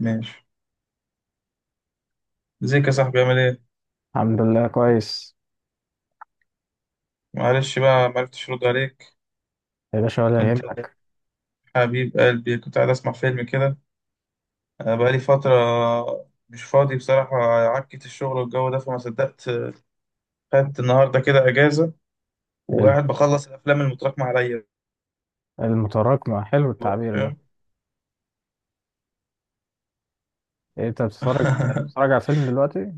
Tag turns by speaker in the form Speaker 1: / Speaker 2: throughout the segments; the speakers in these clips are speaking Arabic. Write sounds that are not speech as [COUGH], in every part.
Speaker 1: ماشي. ازيك يا صاحبي؟ عامل ايه؟
Speaker 2: الحمد لله كويس.
Speaker 1: معلش بقى معرفتش ارد عليك.
Speaker 2: يا باشا ولا
Speaker 1: كنت
Speaker 2: يهمك.
Speaker 1: حبيب قلبي، كنت قاعد اسمع فيلم كده. بقالي فترة مش فاضي بصراحة. عكت الشغل والجو ده فما صدقت. خدت النهاردة كده اجازة
Speaker 2: الم-
Speaker 1: وقاعد بخلص الافلام المتراكمة عليا.
Speaker 2: المتراكمة حلو
Speaker 1: بقى،
Speaker 2: التعبير ده.
Speaker 1: فاهم.
Speaker 2: إيه، انت
Speaker 1: [LAUGHS]
Speaker 2: بتتفرج على فيلم دلوقتي؟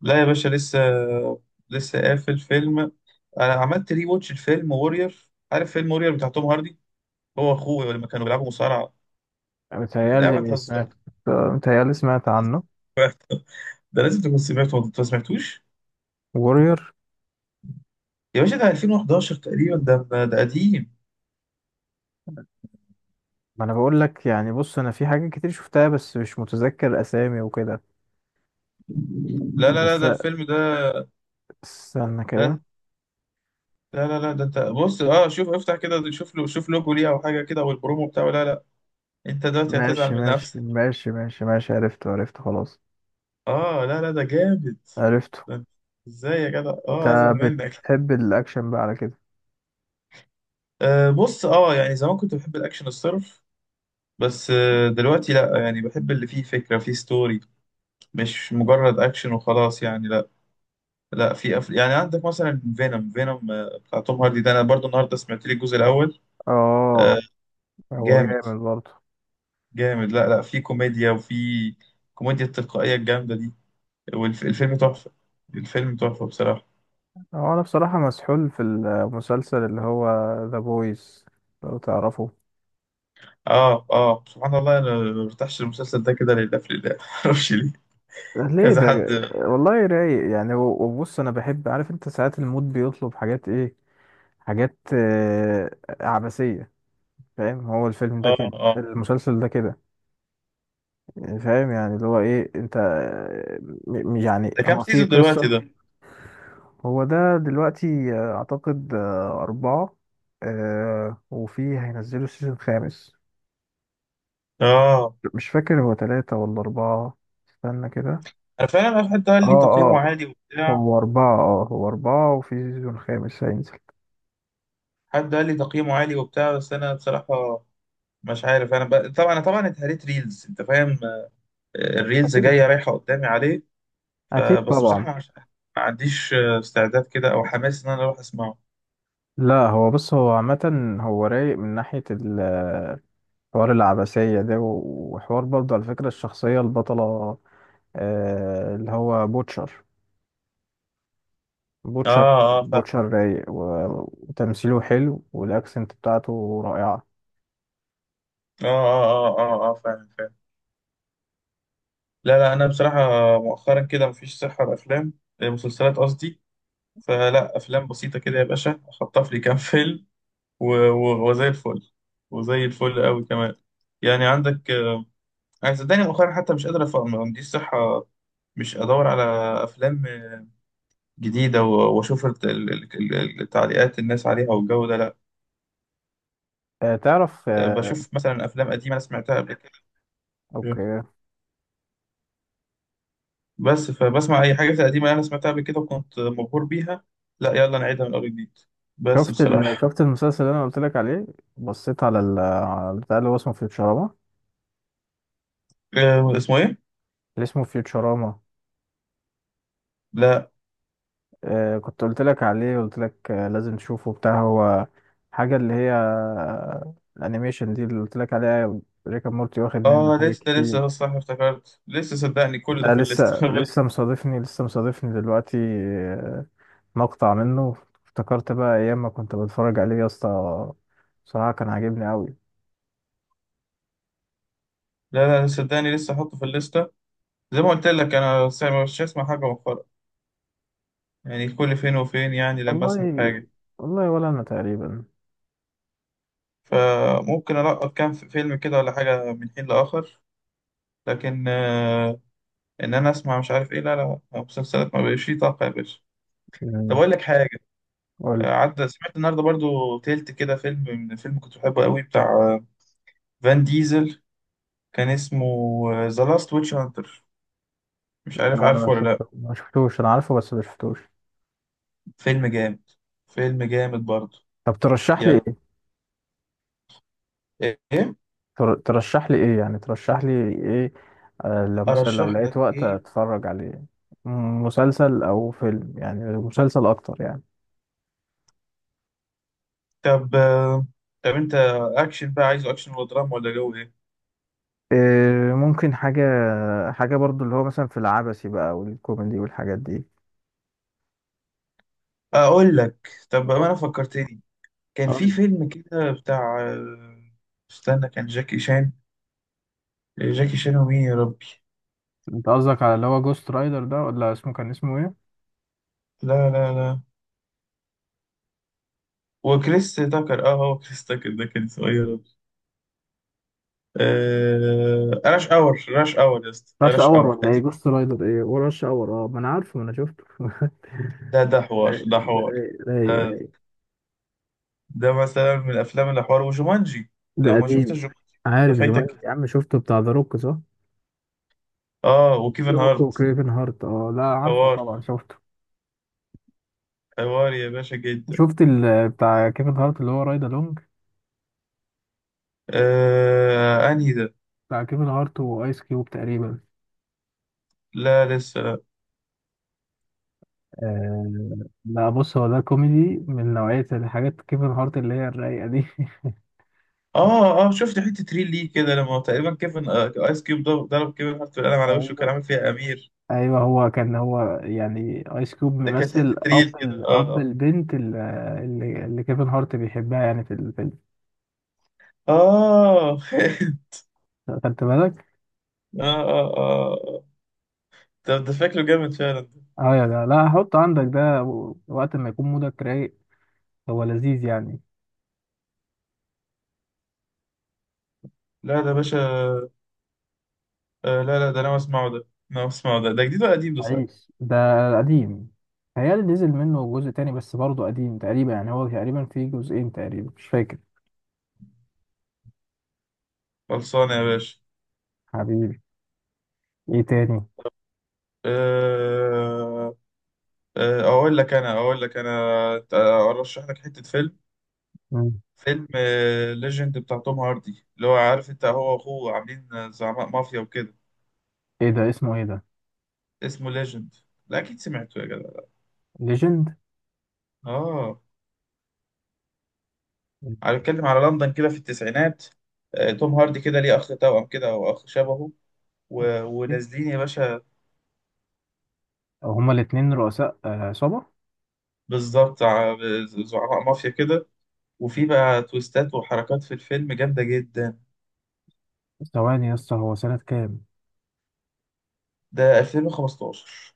Speaker 1: لا يا باشا، لسه. قافل فيلم. انا عملت ري واتش الفيلم وورير. عارف فيلم وورير بتاع توم هاردي؟ هو اخوه لما كانوا بيلعبوا مصارعة في لعبة
Speaker 2: متهيألي
Speaker 1: هزار.
Speaker 2: سمعت. متهيألي سمعت عنه.
Speaker 1: ده لازم تكون سمعته، ما سمعتوش؟
Speaker 2: وورير.
Speaker 1: يا باشا ده 2011 تقريبا، ده قديم.
Speaker 2: ما انا بقول لك يعني، بص انا في حاجات كتير شفتها بس مش متذكر اسامي وكده.
Speaker 1: لا لا لا
Speaker 2: بس
Speaker 1: ده الفيلم ده
Speaker 2: استنى كده.
Speaker 1: ده لا لا لا، ده انت بص، اه شوف، افتح كده، شوف له، شوف لوجو ليه او حاجه كده او البرومو بتاعه. لا لا، انت دلوقتي هتزعل
Speaker 2: ماشي
Speaker 1: من نفسك.
Speaker 2: عرفته خلاص.
Speaker 1: اه، لا لا، ده جامد.
Speaker 2: عرفته.
Speaker 1: ده انت- ازاي يا جدع؟
Speaker 2: انت
Speaker 1: اه هزعل منك.
Speaker 2: بتحب الاكشن بقى على كده؟
Speaker 1: آه بص، اه يعني زمان كنت بحب الاكشن الصرف، بس دلوقتي لا، يعني بحب اللي فيه فكره، فيه ستوري، مش مجرد اكشن وخلاص، يعني لا. لا، في يعني عندك مثلا فينوم. بتاع توم هاردي ده، انا برضو النهارده سمعت لي الجزء الاول. آه،
Speaker 2: اه هو
Speaker 1: جامد،
Speaker 2: جامد برضه.
Speaker 1: جامد. لا لا، في كوميديا، وفي كوميديا التلقائية الجامدة دي. والفيلم تحفة. الفيلم تحفة بصراحة.
Speaker 2: هو انا بصراحة مسحول في المسلسل اللي هو ذا بويز، لو تعرفه.
Speaker 1: اه اه، سبحان الله، انا ما برتاحش المسلسل ده كده، لله في لله، [LAUGHS] معرفش ليه.
Speaker 2: ليه؟
Speaker 1: كذا حد.
Speaker 2: والله رايق يعني، وبص انا بحب، عارف انت ساعات المود بيطلب حاجات ايه؟ حاجات عبثية. فاهم؟ هو الفيلم ده
Speaker 1: اه
Speaker 2: كده،
Speaker 1: اه.
Speaker 2: المسلسل ده كده. يعني فاهم، يعني اللي هو ايه انت، يعني
Speaker 1: ده كام
Speaker 2: هو فيه
Speaker 1: سيزون
Speaker 2: قصة.
Speaker 1: دلوقتي ده؟
Speaker 2: هو ده دلوقتي اعتقد اربعة. وفيه هينزلوا السيزون الخامس.
Speaker 1: اه.
Speaker 2: مش فاكر هو تلاتة ولا أربعة. استنى كده.
Speaker 1: انا فعلا حد
Speaker 2: اه
Speaker 1: قال لي تقييمه
Speaker 2: اه،
Speaker 1: عالي وبتاع.
Speaker 2: هو أربعة، اه هو أربعة وفي سيزون خامس هينزل.
Speaker 1: حد قال لي تقييمه عالي وبتاع، بس انا بصراحة مش عارف. طبعا طبعا اتهريت ريلز، انت فاهم. الريلز
Speaker 2: أكيد،
Speaker 1: جاية رايحة قدامي عليه.
Speaker 2: أكيد
Speaker 1: فبس
Speaker 2: طبعا.
Speaker 1: بصراحة مش- ما عنديش استعداد كده أو حماس إن أنا أروح أسمعه.
Speaker 2: لا هو بص، هو عامة هو رايق من ناحية حوار العبثية ده، وحوار برضه على فكرة الشخصية البطلة، اللي هو بوتشر.
Speaker 1: آه
Speaker 2: بوتشر
Speaker 1: آه، فعلا.
Speaker 2: رايق، وتمثيله حلو والأكسنت بتاعته رائعة.
Speaker 1: آه آه آه آه آه، فعلا فعلا. لا لا، أنا بصراحة مؤخرا كده مفيش صحة لأفلام. مسلسلات قصدي. فلا أفلام بسيطة كده يا باشا، أخطف لي كام [LAUGHS] فيلم. و- و- وزي الفل قوي كمان. يعني عندك. أنا صدقني مؤخرا حتى مش قادر أفهم، ما عنديش صحة، مش أدور على أفلام جديدة، وأشوف التعليقات الناس عليها والجو ده، لا.
Speaker 2: آه، تعرف آه،
Speaker 1: بشوف مثلا افلام قديمه انا سمعتها قبل كده.
Speaker 2: أوكي،
Speaker 1: بس فبسمع اي حاجه قديمه انا سمعتها قبل كده وكنت مبهور بيها، لا يلا نعيدها من اول جديد. بس بصراحه.
Speaker 2: شفت المسلسل اللي انا قلت لك عليه؟ بصيت على البتاع اللي هو اسمه فيوتشراما.
Speaker 1: اسمه ايه؟
Speaker 2: اللي اسمه فيوتشراما.
Speaker 1: لا.
Speaker 2: آه كنت قلت لك عليه، قلت لك آه لازم تشوفه بتاع هو حاجة اللي هي آه الانيميشن دي اللي قلت لك عليها. ريكا مورتي واخد منه
Speaker 1: اه،
Speaker 2: حاجات
Speaker 1: لسه، ده
Speaker 2: كتير.
Speaker 1: لسه صح، افتكرت، لسه صدقني كل ده
Speaker 2: ده
Speaker 1: في الليسته.
Speaker 2: لسه،
Speaker 1: [LAUGHS]
Speaker 2: لسه مصادفني دلوقتي آه مقطع منه. افتكرت بقى ايام ما كنت بتفرج عليه يا اسطى، بصراحة كان عاجبني قوي.
Speaker 1: لا لا، صدقني لسه احطه في الليسته. زي ما قلت لك، مش هسمع حاجه مؤخرا، يعني كل فين وفين يعني لما اسمع
Speaker 2: والله
Speaker 1: حاجه.
Speaker 2: والله، ولا انا تقريبا.
Speaker 1: فممكن القط كام فيلم كده ولا حاجه من حين لاخر، لكن انا اسمع مش عارف ايه، لا لا لا، مسلسلات ما بقاش فيه طاقه يا باشا. طب
Speaker 2: مم.
Speaker 1: اقول لك حاجه،
Speaker 2: قول لي.
Speaker 1: عدى سمعت النهارده برضو تلت كده فيلم. من فيلم كنت بحبه قوي بتاع فان ديزل. كان اسمه ذا لاست ويتش هانتر، مش عارف،
Speaker 2: لا انا
Speaker 1: عارفه ولا لا؟
Speaker 2: ما شفتوش، انا عارفه بس ما شفتوش.
Speaker 1: فيلم جامد. فيلم جامد برضو.
Speaker 2: طب ترشح لي
Speaker 1: يعني
Speaker 2: ايه؟
Speaker 1: ايه،
Speaker 2: تر... ترشح لي ايه يعني ترشح لي ايه؟ آه لو مثلا لو
Speaker 1: ارشح
Speaker 2: لقيت
Speaker 1: لك
Speaker 2: وقت
Speaker 1: ايه؟
Speaker 2: اتفرج عليه. مسلسل او فيلم، يعني مسلسل اكتر يعني.
Speaker 1: طب، انت اكشن بقى عايزه، اكشن ولا دراما ولا جو ايه؟
Speaker 2: إيه، ممكن حاجة، حاجة برضو اللي هو مثلا في العبثي بقى والكوميدي والحاجات دي.
Speaker 1: اقول لك، طب بقى انا فكرتني، كان
Speaker 2: قول
Speaker 1: في
Speaker 2: لي.
Speaker 1: فيلم كده بتاع، استنى، كان جاكي شان، جاكي شان ومين يا ربي؟
Speaker 2: انت قصدك على اللي هو جوست رايدر ده، ولا اسمه كان اسمه ايه؟
Speaker 1: لا لا لا، وكريس تاكر، اه هو كريس تاكر ده كان اسمه إيه يا ربي؟ راش اور، راش اور يا اسطى،
Speaker 2: راش
Speaker 1: راش
Speaker 2: اور
Speaker 1: اور
Speaker 2: ولا ايه؟
Speaker 1: قديم.
Speaker 2: جوست رايدر ايه وراش اور؟ اه ما انا عارفه، ما انا شفته [LAUGHS] رايق،
Speaker 1: ده حوار. ده,
Speaker 2: رايق.
Speaker 1: ده مثلا من الافلام اللي حوار، وجومانجي،
Speaker 2: ده
Speaker 1: لو ما شفتش
Speaker 2: قديم.
Speaker 1: جومانجي، ده
Speaker 2: عارف
Speaker 1: فايتك،
Speaker 2: جومانجي يا عم؟ شفته، بتاع ذا روك صح؟
Speaker 1: اه،
Speaker 2: ذا
Speaker 1: وكيفن
Speaker 2: روك
Speaker 1: هارت.
Speaker 2: وكريفن هارت، اه لا عارفه
Speaker 1: حوار،
Speaker 2: طبعا، شفته.
Speaker 1: حوار يا باشا جدا.
Speaker 2: شفت ال بتاع كيفن هارت اللي هو رايد الونج،
Speaker 1: انهي ده؟
Speaker 2: بتاع كيفن هارت وايس كيوب تقريبا؟
Speaker 1: لا لسه لا.
Speaker 2: آه لا بص، هو ده كوميدي من نوعية الحاجات كيفن هارت اللي هي الرايقة دي.
Speaker 1: اه اه، شفت حته ريل ليه كده لما تقريبا كيفن ايس كيوب ضرب كيفن هارت بالقلم
Speaker 2: [LAUGHS]
Speaker 1: على وشه، كان
Speaker 2: ايوه،
Speaker 1: عامل فيها امير.
Speaker 2: ايوه، هو كان هو يعني ايس كيوب
Speaker 1: ده كانت
Speaker 2: ممثل
Speaker 1: حتة ريل كده،
Speaker 2: اب
Speaker 1: اه.
Speaker 2: البنت اللي كيفن هارت بيحبها يعني في الفيلم.
Speaker 1: اه [LAUGHS]
Speaker 2: خدت بالك؟
Speaker 1: اه اه اه. طب ده شكله جامد فعلا ده.
Speaker 2: اه يا جدع، لا حط عندك ده، وقت ما يكون مودك رايق. هو لذيذ يعني.
Speaker 1: لا ده باشا. آه لا لا، ده انا اسمعه ده. انا اسمعه ده، ده جديد ولا قديم ده صحيح؟
Speaker 2: عيش ده. قديم. هيال نزل منه جزء تاني بس برضه قديم تقريبا، يعني هو تقريبا فيه جزئين تقريبا مش فاكر.
Speaker 1: خلصان يا باشا.
Speaker 2: حبيبي. ايه تاني؟
Speaker 1: آه آه، اقول لك انا، ارشح لك حتة فيلم،
Speaker 2: مم.
Speaker 1: فيلم ليجند بتاع توم هاردي، اللي هو عارف انت، هو واخوه عاملين زعماء مافيا وكده.
Speaker 2: ايه ده؟ اسمه ايه ده؟
Speaker 1: اسمه ليجند، لا اكيد سمعته يا جدع.
Speaker 2: ليجند.
Speaker 1: اه. أنا بتكلم على لندن كده في التسعينات، توم هاردي كده ليه أخ توأم كده أو أخ شبهه،
Speaker 2: اوكي،
Speaker 1: ونازلين يا باشا.
Speaker 2: هما الاتنين رؤساء عصابة.
Speaker 1: بالظبط ع- زعماء مافيا كده، وفي بقى تويستات وحركات في الفيلم جامدة جدا.
Speaker 2: ثواني يا اسطى، هو سنة كام؟
Speaker 1: ده 2015.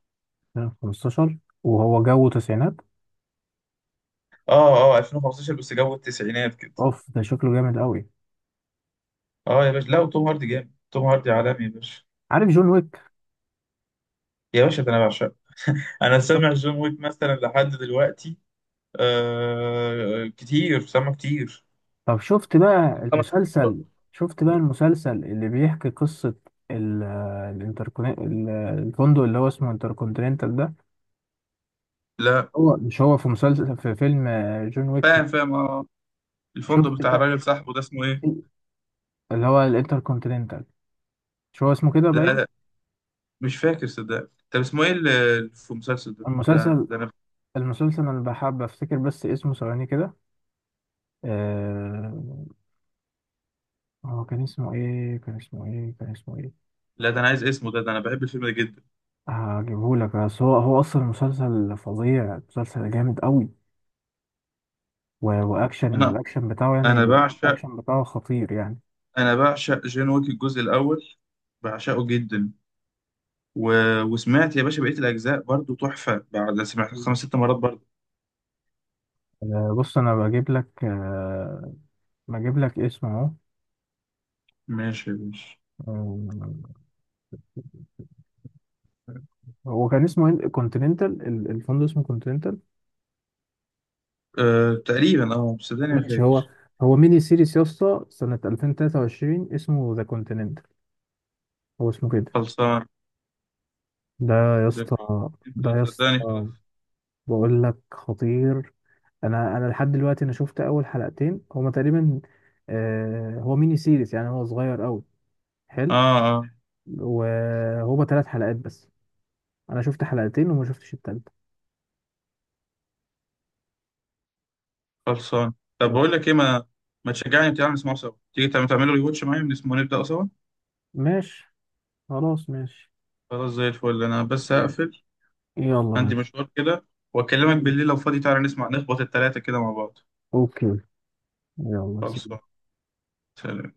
Speaker 2: سنة 15 وهو جو تسعينات؟
Speaker 1: اه اه 2015 بس جو التسعينات كده.
Speaker 2: اوف ده شكله جامد قوي.
Speaker 1: اه يا باشا، لا وتوم هاردي جامد، توم هاردي عالمي يا باشا.
Speaker 2: عارف جون ويك؟
Speaker 1: يا باشا ده أنا بعشقه. أنا سامع جون ويك مثلا لحد دلوقتي. آه كتير، سامع كتير.
Speaker 2: طب شفت بقى
Speaker 1: خمس ست مرات.
Speaker 2: المسلسل؟ شفت بقى المسلسل اللي بيحكي قصة ال- الانتركون، الفندق اللي هو اسمه انتركونتيننتال ده؟
Speaker 1: لا.
Speaker 2: هو مش هو في مسلسل في فيلم جون ويك؟
Speaker 1: فاهم، فاهم، اه. الفندق
Speaker 2: شفت
Speaker 1: بتاع
Speaker 2: بقى
Speaker 1: الراجل صاحبه ده اسمه ايه؟
Speaker 2: في- اللي هو الانتركونتيننتال؟ مش هو اسمه كده
Speaker 1: لا
Speaker 2: باين.
Speaker 1: لا، مش فاكر صدق، طب اسمه ايه اللي في المسلسل ده؟
Speaker 2: المسلسل،
Speaker 1: انا.
Speaker 2: المسلسل انا بحب افتكر بس اسمه، ثواني كده. آه، هو كان اسمه ايه كان اسمه ايه؟
Speaker 1: لا ده انا عايز اسمه ده، ده انا بحب الفيلم ده جدا.
Speaker 2: هجيبهولك، بس هو هو اصلا مسلسل فظيع، مسلسل جامد قوي، واكشن،
Speaker 1: انا
Speaker 2: الاكشن بتاعه يعني،
Speaker 1: انا بعشق.
Speaker 2: الاكشن بتاعه خطير يعني.
Speaker 1: انا بعشق جون ويك الجزء الاول، بعشقه جدا. و... وسمعت يا باشا بقية الاجزاء برضو تحفة بعد، سمعت
Speaker 2: مم.
Speaker 1: خمس ست مرات برضو.
Speaker 2: آه، بص انا بجيب لك، بجيب لك اسم اهو.
Speaker 1: ماشي يا باشا.
Speaker 2: آه، هو كان اسمه كونتيننتال، الفندق اسمه كونتيننتال.
Speaker 1: أه تقريبا، اه، بس صدقني ما
Speaker 2: ماشي. هو
Speaker 1: فاكر.
Speaker 2: هو ميني سيريس يا اسطى، سنة 2023، اسمه ذا كونتيننتال. هو اسمه كده.
Speaker 1: خلصان،
Speaker 2: ده يا اسطى،
Speaker 1: ذاكرتني، انت
Speaker 2: ده يا
Speaker 1: صدقني، خلاص.
Speaker 2: اسطى بقول لك خطير. انا، انا لحد دلوقتي انا شفت اول حلقتين هما تقريبا، هو ميني سيريس يعني، هو صغير قوي، حلو.
Speaker 1: اه اه.
Speaker 2: وهما ثلاث حلقات بس، انا شفت حلقتين وما شفتش التالتة
Speaker 1: خلصان، طب بقول
Speaker 2: بس.
Speaker 1: لك ايه، ما تشجعني بتاع نسمعه سوا، تيجي تعملوا ريواتش معايا ونسمعه، نبدأ سوا.
Speaker 2: ماشي، خلاص ماشي.
Speaker 1: خلاص، زي الفل، انا بس
Speaker 2: يلا،
Speaker 1: هقفل،
Speaker 2: يلا
Speaker 1: عندي
Speaker 2: ماشي.
Speaker 1: مشوار كده، واكلمك بالليل لو فاضي تعالى نسمع، نخبط التلاتة كده مع بعض.
Speaker 2: اوكي، يلا سلام.
Speaker 1: خلصان، سلام.